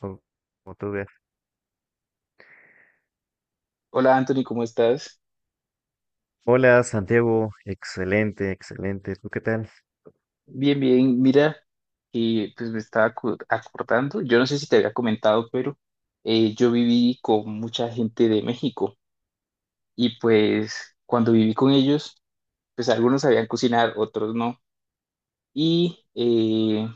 Como como tú veas. Hola Anthony, ¿cómo estás? Hola Santiago, excelente, excelente. ¿Tú qué tal? Bien, bien. Mira, pues me estaba acordando, yo no sé si te había comentado, pero yo viví con mucha gente de México y pues cuando viví con ellos, pues algunos sabían cocinar, otros no. Y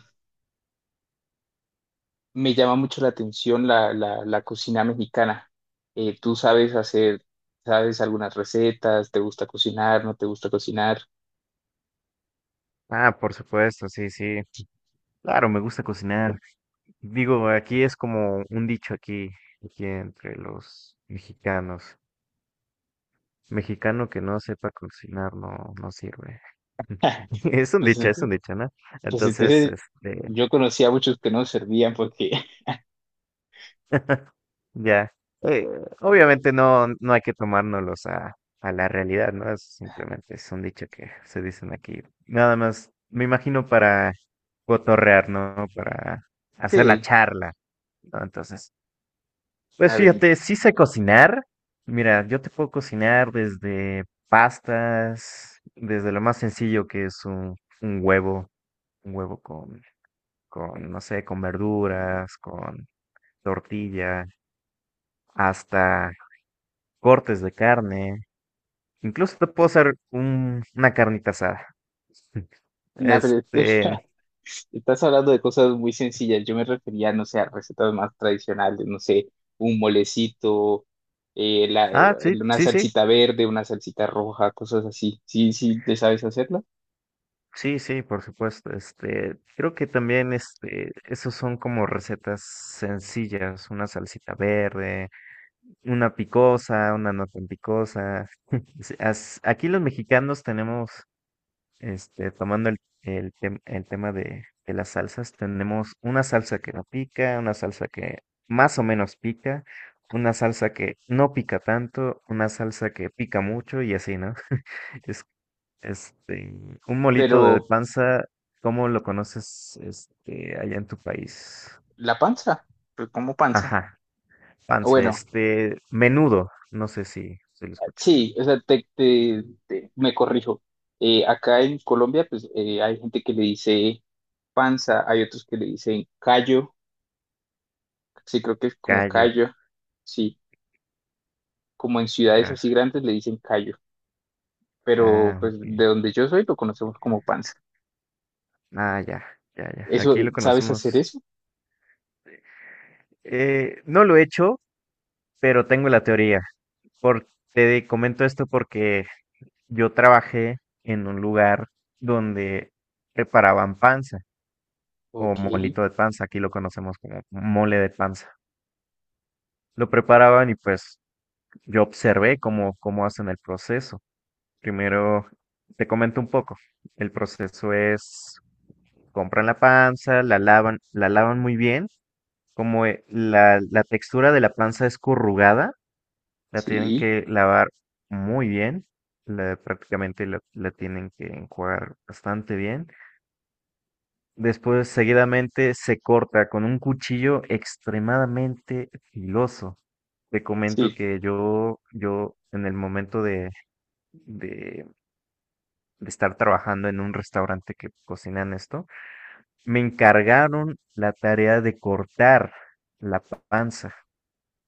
me llama mucho la atención la cocina mexicana. ¿Tú sabes hacer, sabes algunas recetas? ¿Te gusta cocinar? ¿No te gusta cocinar? Ah, por supuesto, sí, sí. Claro, me gusta cocinar. Digo, aquí es como un dicho aquí, aquí entre los mexicanos. Mexicano que no sepa cocinar no sirve. Pues, es un dicho, ¿no? pues Entonces, entonces este, yo conocía a muchos que no servían porque... Ya. Eh, obviamente no hay que tomárnoslos a la realidad, ¿no? Es simplemente es un dicho que se dicen aquí. Nada más, me imagino para cotorrear, ¿no? Para hacer la Sí, charla, ¿no? Entonces, pues a ver, fíjate, sí sé cocinar. Mira, yo te puedo cocinar desde pastas, desde lo más sencillo que es un huevo, un huevo con, no sé, con verduras, con tortilla, hasta cortes de carne. Incluso te puedo hacer una carnita asada. na, pero o Este, sea, estás hablando de cosas muy sencillas. Yo me refería, no sé, a recetas más tradicionales, no sé, un molecito, sí, una sí, sí, salsita verde, una salsita roja, cosas así. Sí, sí, te sabes hacerla. sí, sí, por supuesto. Creo que también, este, esos son como recetas sencillas, una salsita verde, una picosa, una no tan picosa. Sí, aquí los mexicanos tenemos. Tomando el tema de las salsas, tenemos una salsa que no pica, una salsa que más o menos pica, una salsa que no pica tanto, una salsa que pica mucho y así, ¿no? Es, este, un molito de Pero panza, ¿cómo lo conoces, este, allá en tu país? la panza, pues como panza. Ajá, panza, Bueno, este, menudo, no sé si lo escuchas. sí, o sea, me corrijo. Acá en Colombia, pues hay gente que le dice panza, hay otros que le dicen callo, sí, creo que es como Callo, callo. Sí, como en ciudades ya, así grandes le dicen callo, pero ah, pues ok, de donde yo soy lo conocemos como panza. ah, ya, ya. Aquí ¿Eso, lo sabes conocemos. hacer eso? No lo he hecho, pero tengo la teoría. Por- te comento esto porque yo trabajé en un lugar donde preparaban panza o Ok, molito de panza, aquí lo conocemos como mole de panza. Lo preparaban y pues yo observé cómo, cómo hacen el proceso. Primero, te comento un poco. El proceso es, compran la panza, la lavan muy bien, como la textura de la panza es corrugada. La tienen sí, que lavar muy bien, prácticamente la tienen que enjuagar bastante bien. Después, seguidamente, se corta con un cuchillo extremadamente filoso. Te comento sí, que yo en el momento de, de estar trabajando en un restaurante que cocinan esto, me encargaron la tarea de cortar la panza.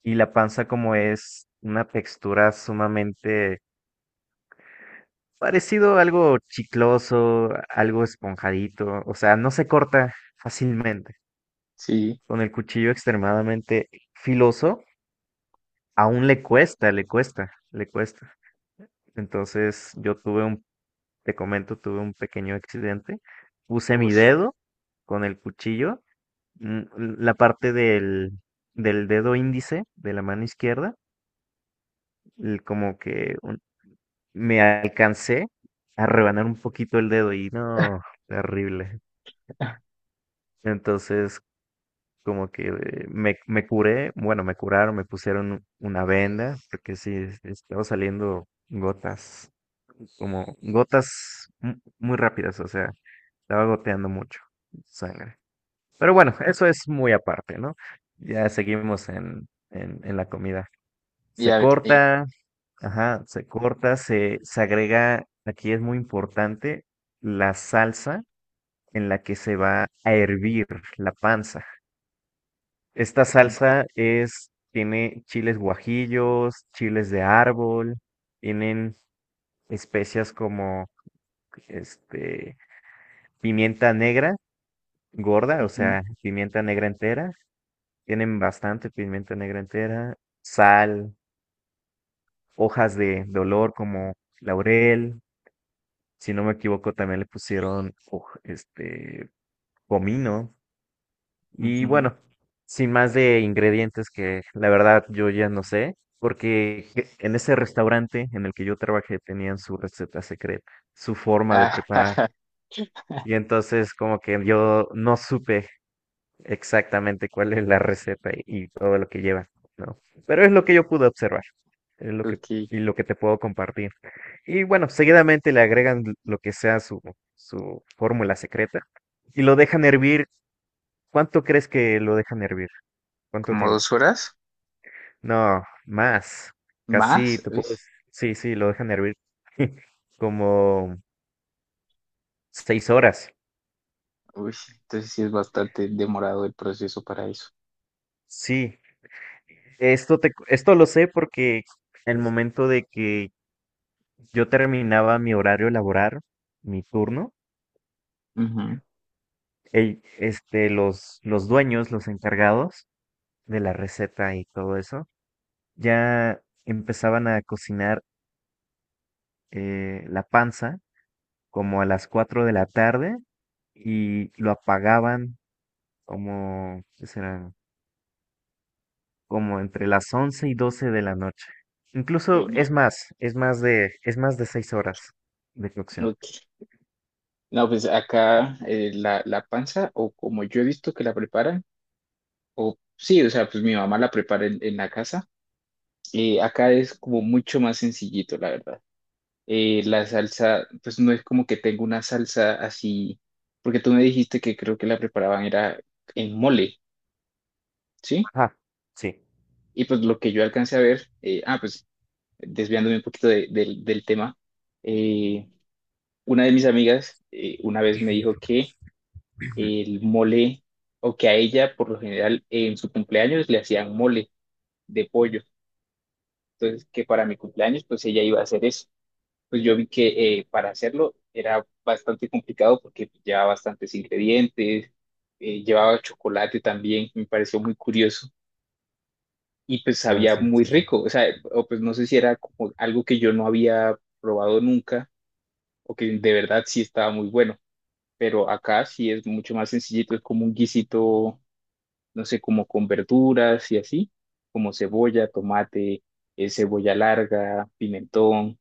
Y la panza, como es una textura sumamente parecido a algo chicloso, algo esponjadito, o sea, no se corta fácilmente. sí. Con el cuchillo extremadamente filoso, aún le cuesta, le cuesta. Entonces, te comento, tuve un pequeño accidente. Puse mi Uf, dedo con el cuchillo, mm, la parte del dedo índice de la mano izquierda, el- como que un- me alcancé a rebanar un poquito el dedo y no, terrible. Entonces, me curé, bueno, me curaron, me pusieron una venda, porque sí, estaba saliendo gotas, como gotas muy rápidas, o sea, estaba goteando mucho sangre. Pero bueno, eso es muy aparte, ¿no? Ya seguimos en la comida. y Se a ver, corta, ajá, se corta, se agrega, aquí es muy importante, la salsa en la que se va a hervir la panza. Esta salsa es, tiene chiles guajillos, chiles de árbol, tienen especias como este pimienta negra gorda, o ujú, sea, pimienta negra entera, tienen bastante pimienta negra entera, sal, hojas de olor como laurel, si no me equivoco también le pusieron comino. Y ujú. bueno, sin más de ingredientes que la verdad yo ya no sé, en ese restaurante en el que yo trabajé tenían su receta secreta, su forma de Ah, preparar. jaja, Y entonces como que yo no supe exactamente cuál es la receta y todo lo que lleva, ¿no? Pero es lo que yo pude observar, es lo que, ok, y lo que te puedo compartir. Y bueno, seguidamente le agregan lo que sea su fórmula secreta y lo dejan hervir. ¿Cuánto crees que lo dejan hervir? ¿Cuánto como tiempo? 2 horas No, más. Casi más. te Uy, puedo decir- sí, sí, lo dejan hervir como 6 horas. uy, entonces sí es bastante demorado el proceso para eso. Sí, esto lo sé porque el momento de que yo terminaba mi horario laboral, mi turno, Ujú. Los dueños, los encargados de la receta y todo eso, ya empezaban a cocinar la panza como a las 4 de la tarde y lo apagaban como, ¿qué serán? Como entre las 11 y 12 de la noche. Uy, Incluso es no, más, es más de 6 horas de cocción. ok. No, pues acá la panza, o como yo he visto que la preparan, o sí, o sea, pues mi mamá la prepara en la casa. Acá es como mucho más sencillito, la verdad. La salsa, pues no es como que tengo una salsa así, porque tú me dijiste que creo que la preparaban era en mole, ¿sí? Ajá, sí. Y pues lo que yo alcancé a ver, ah, pues desviándome un poquito del del tema, eh, una de mis amigas una vez me dijo que el mole, o que a ella por lo general en su cumpleaños le hacían mole de pollo. Entonces, que para mi cumpleaños, pues ella iba a hacer eso. Pues yo vi que para hacerlo era bastante complicado porque llevaba bastantes ingredientes, llevaba chocolate también, me pareció muy curioso y pues Ah, sabía sí, muy sí, sí. rico. O sea, o pues no sé si era como algo que yo no había probado nunca o que de verdad sí estaba muy bueno, pero acá sí es mucho más sencillito, es como un guisito, no sé, como con verduras y así, como cebolla, tomate, cebolla larga, pimentón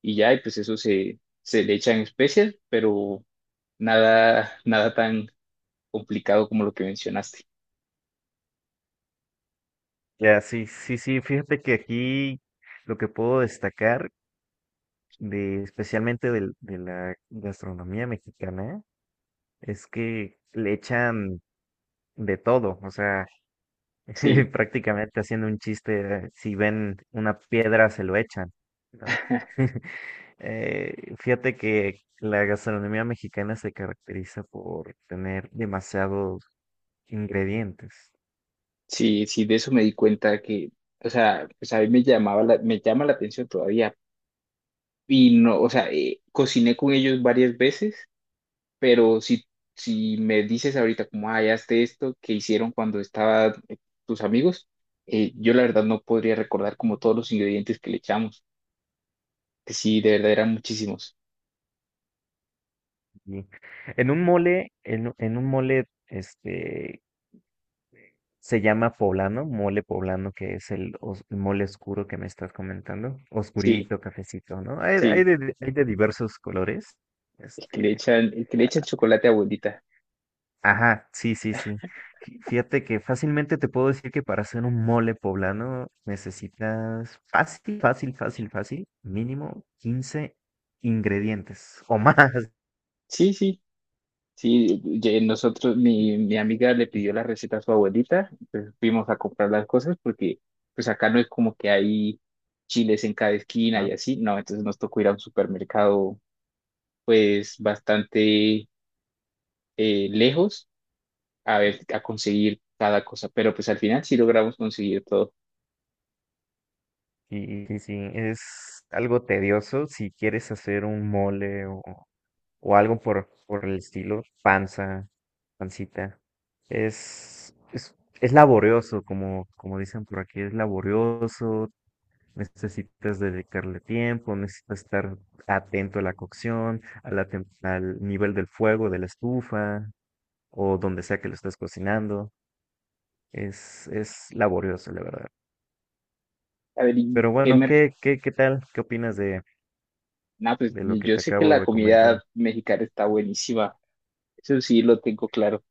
y ya, y pues eso se le echa en especias, pero nada tan complicado como lo que mencionaste. Ya, sí, sí, sí. Fíjate que aquí lo que puedo destacar de, especialmente la gastronomía mexicana, es que le echan de todo. O sea, Sí, prácticamente haciendo un chiste, si ven una piedra, se lo echan, ¿no? Fíjate que la gastronomía mexicana se caracteriza por tener demasiados ingredientes. sí, sí, de eso me di cuenta que, o sea, pues a mí me llama la atención todavía. Y no, o sea, cociné con ellos varias veces, pero si, si me dices ahorita como, ah, ya hazte esto que hicieron cuando estaban tus amigos, yo la verdad no podría recordar como todos los ingredientes que le echamos, que sí, de verdad eran muchísimos. Y en un mole, en un mole, este, se llama poblano, mole poblano, que es el mole oscuro que me estás comentando, Sí, oscurito, cafecito, ¿no? Hay, sí. Hay de diversos colores. El que le Este, echan, el que le echa el chocolate a abuelita. ajá, sí, sí, sí. Fíjate que fácilmente te puedo decir que para hacer un mole poblano necesitas fácil, fácil, fácil, fácil, mínimo 15 ingredientes o más. Sí, sí, sí. ye- Nosotros, mi amiga le pidió la receta a su abuelita, entonces fuimos a comprar las cosas porque pues acá no es como que hay chiles en cada esquina y ¿No? así, no, entonces nos tocó ir a un supermercado pues bastante lejos a ver, a conseguir cada cosa, pero pues al final sí logramos conseguir todo. Y sí, es algo tedioso si quieres hacer un mole o algo por el estilo, panza, pancita. Es, es, es laborioso, como, como dicen por aquí, es laborioso. Necesitas dedicarle tiempo, necesitas estar atento a la cocción, a la al nivel del fuego, de la estufa o donde sea que lo estés cocinando. Es laborioso, la verdad. A ver, ¿y Pero qué bueno, mer- ¿qué, qué tal? ¿Qué opinas no, pues de lo que yo te sé que acabo la de comentar? comida mexicana está buenísima, eso sí lo tengo claro.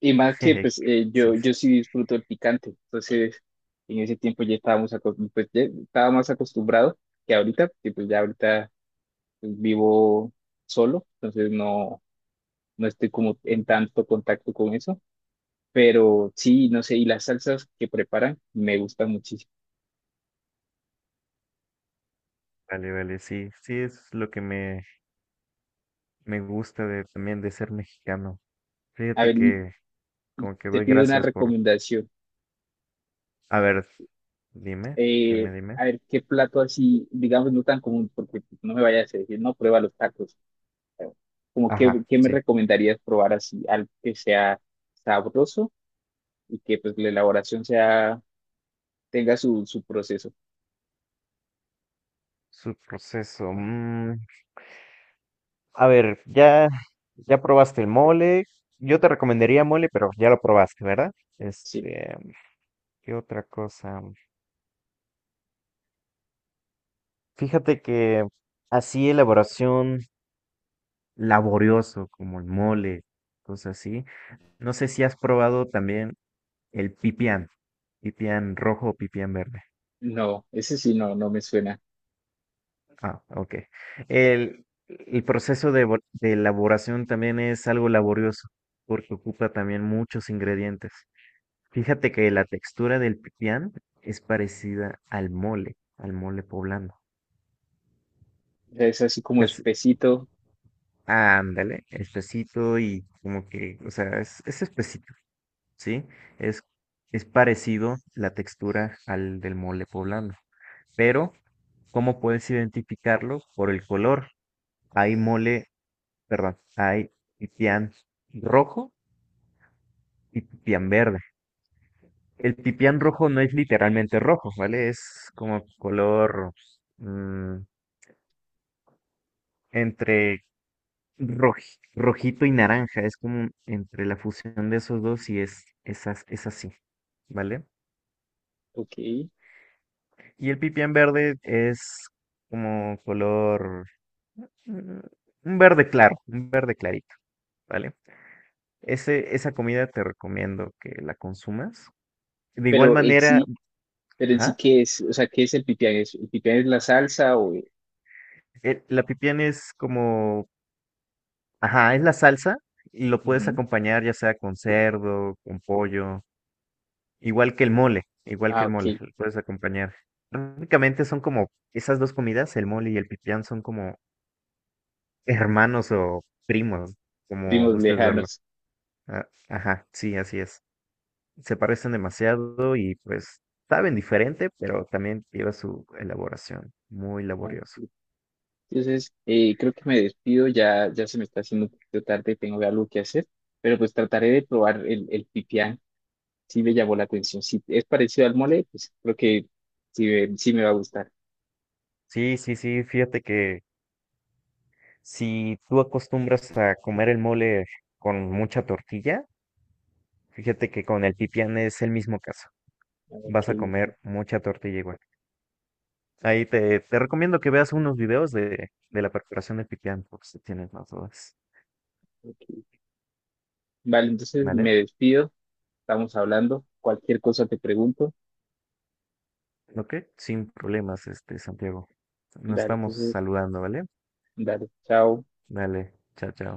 Y más que pues Sí, sí, yo sí disfruto el picante, entonces en ese tiempo ya estábamos acostumbrados, pues ya estaba más acostumbrado que ahorita, porque pues ya ahorita pues, vivo solo, entonces no, no estoy como en tanto contacto con eso, pero sí, no sé, y las salsas que preparan me gustan muchísimo. vale, vale, sí, sí, es lo que me gusta de, también de ser mexicano. A Fíjate ver, que y como que te doy pido una gracias por... recomendación. A ver, dime, Eh, dime. a ver, ¿qué plato así, digamos, no tan común, porque no me vayas a decir, no, prueba los tacos, como que, Ajá, ¿qué me sí. recomendarías probar así? Algo que sea sabroso y que pues tenga su proceso. Su proceso. A ver, ya, ya probaste el mole. Yo te recomendaría mole, pero ya lo probaste, ¿verdad? Sí, Este, ¿qué otra cosa? Fíjate que así elaboración laborioso como el mole, cosas así. No sé si has probado también el pipián, pipián rojo o pipián verde. no, ese sí no, no me suena. Ah, ok. El proceso de elaboración también es algo laborioso porque ocupa también muchos ingredientes. Fíjate que la textura del pipián es parecida al mole poblano. O sea, es así como Es, espesito, ándale, espesito y como que, o sea, es espesito, ¿sí? Es, es parecido la textura al del mole poblano. Pero, ¿cómo puedes identificarlo? Por el color. Hay mole, perdón, hay pipián rojo y pipián verde. El pipián rojo no es literalmente rojo, ¿vale? Es como color... mm, entre rojito y naranja, es como entre la fusión de esos dos y es así, ¿vale? ok. Y el pipián verde es como color, mm, un verde claro, un verde clarito, ¿vale? Ese, esa comida te recomiendo que la consumas. De igual Pero en manera, sí, pero en sí, ajá, ¿qué es? O sea, ¿qué es el pipián? ¿Es- ¿el pipián es la salsa o...? la pipián es como, ajá, es la salsa y lo puedes Ujú. acompañar ya sea con cerdo, con pollo. Igual que el mole, igual que Ah, el mole, ok. lo puedes acompañar. Prácticamente son como esas dos comidas, el mole y el pipián, son como hermanos o primos, como Primos gustes verlo. lejanos. Ah, ajá, sí, así es. Se parecen demasiado y pues saben diferente, pero también lleva su elaboración, muy laborioso. Ok. Entonces, creo que me despido, ya se me está haciendo un poquito tarde, tengo algo que hacer, pero pues trataré de probar el pipián. Sí me llamó la atención. Si es parecido al mole, pues creo que sí, sí me va a gustar. Sí, sí, sí, fíjate que si tú acostumbras a comer el mole con mucha tortilla, fíjate que con el pipián es el mismo caso. Ah, ok, Vas a ok, comer mucha tortilla igual. Te recomiendo que veas unos videos de la perforación de pipián, por si tienes más dudas. ok. Vale, entonces ¿Vale? me despido. Estamos hablando. Cualquier cosa te pregunto. Ok, sin problemas, este, Santiago. Nos Dale, estamos entonces, saludando, ¿vale? dale. Chao. Dale, chao, chao.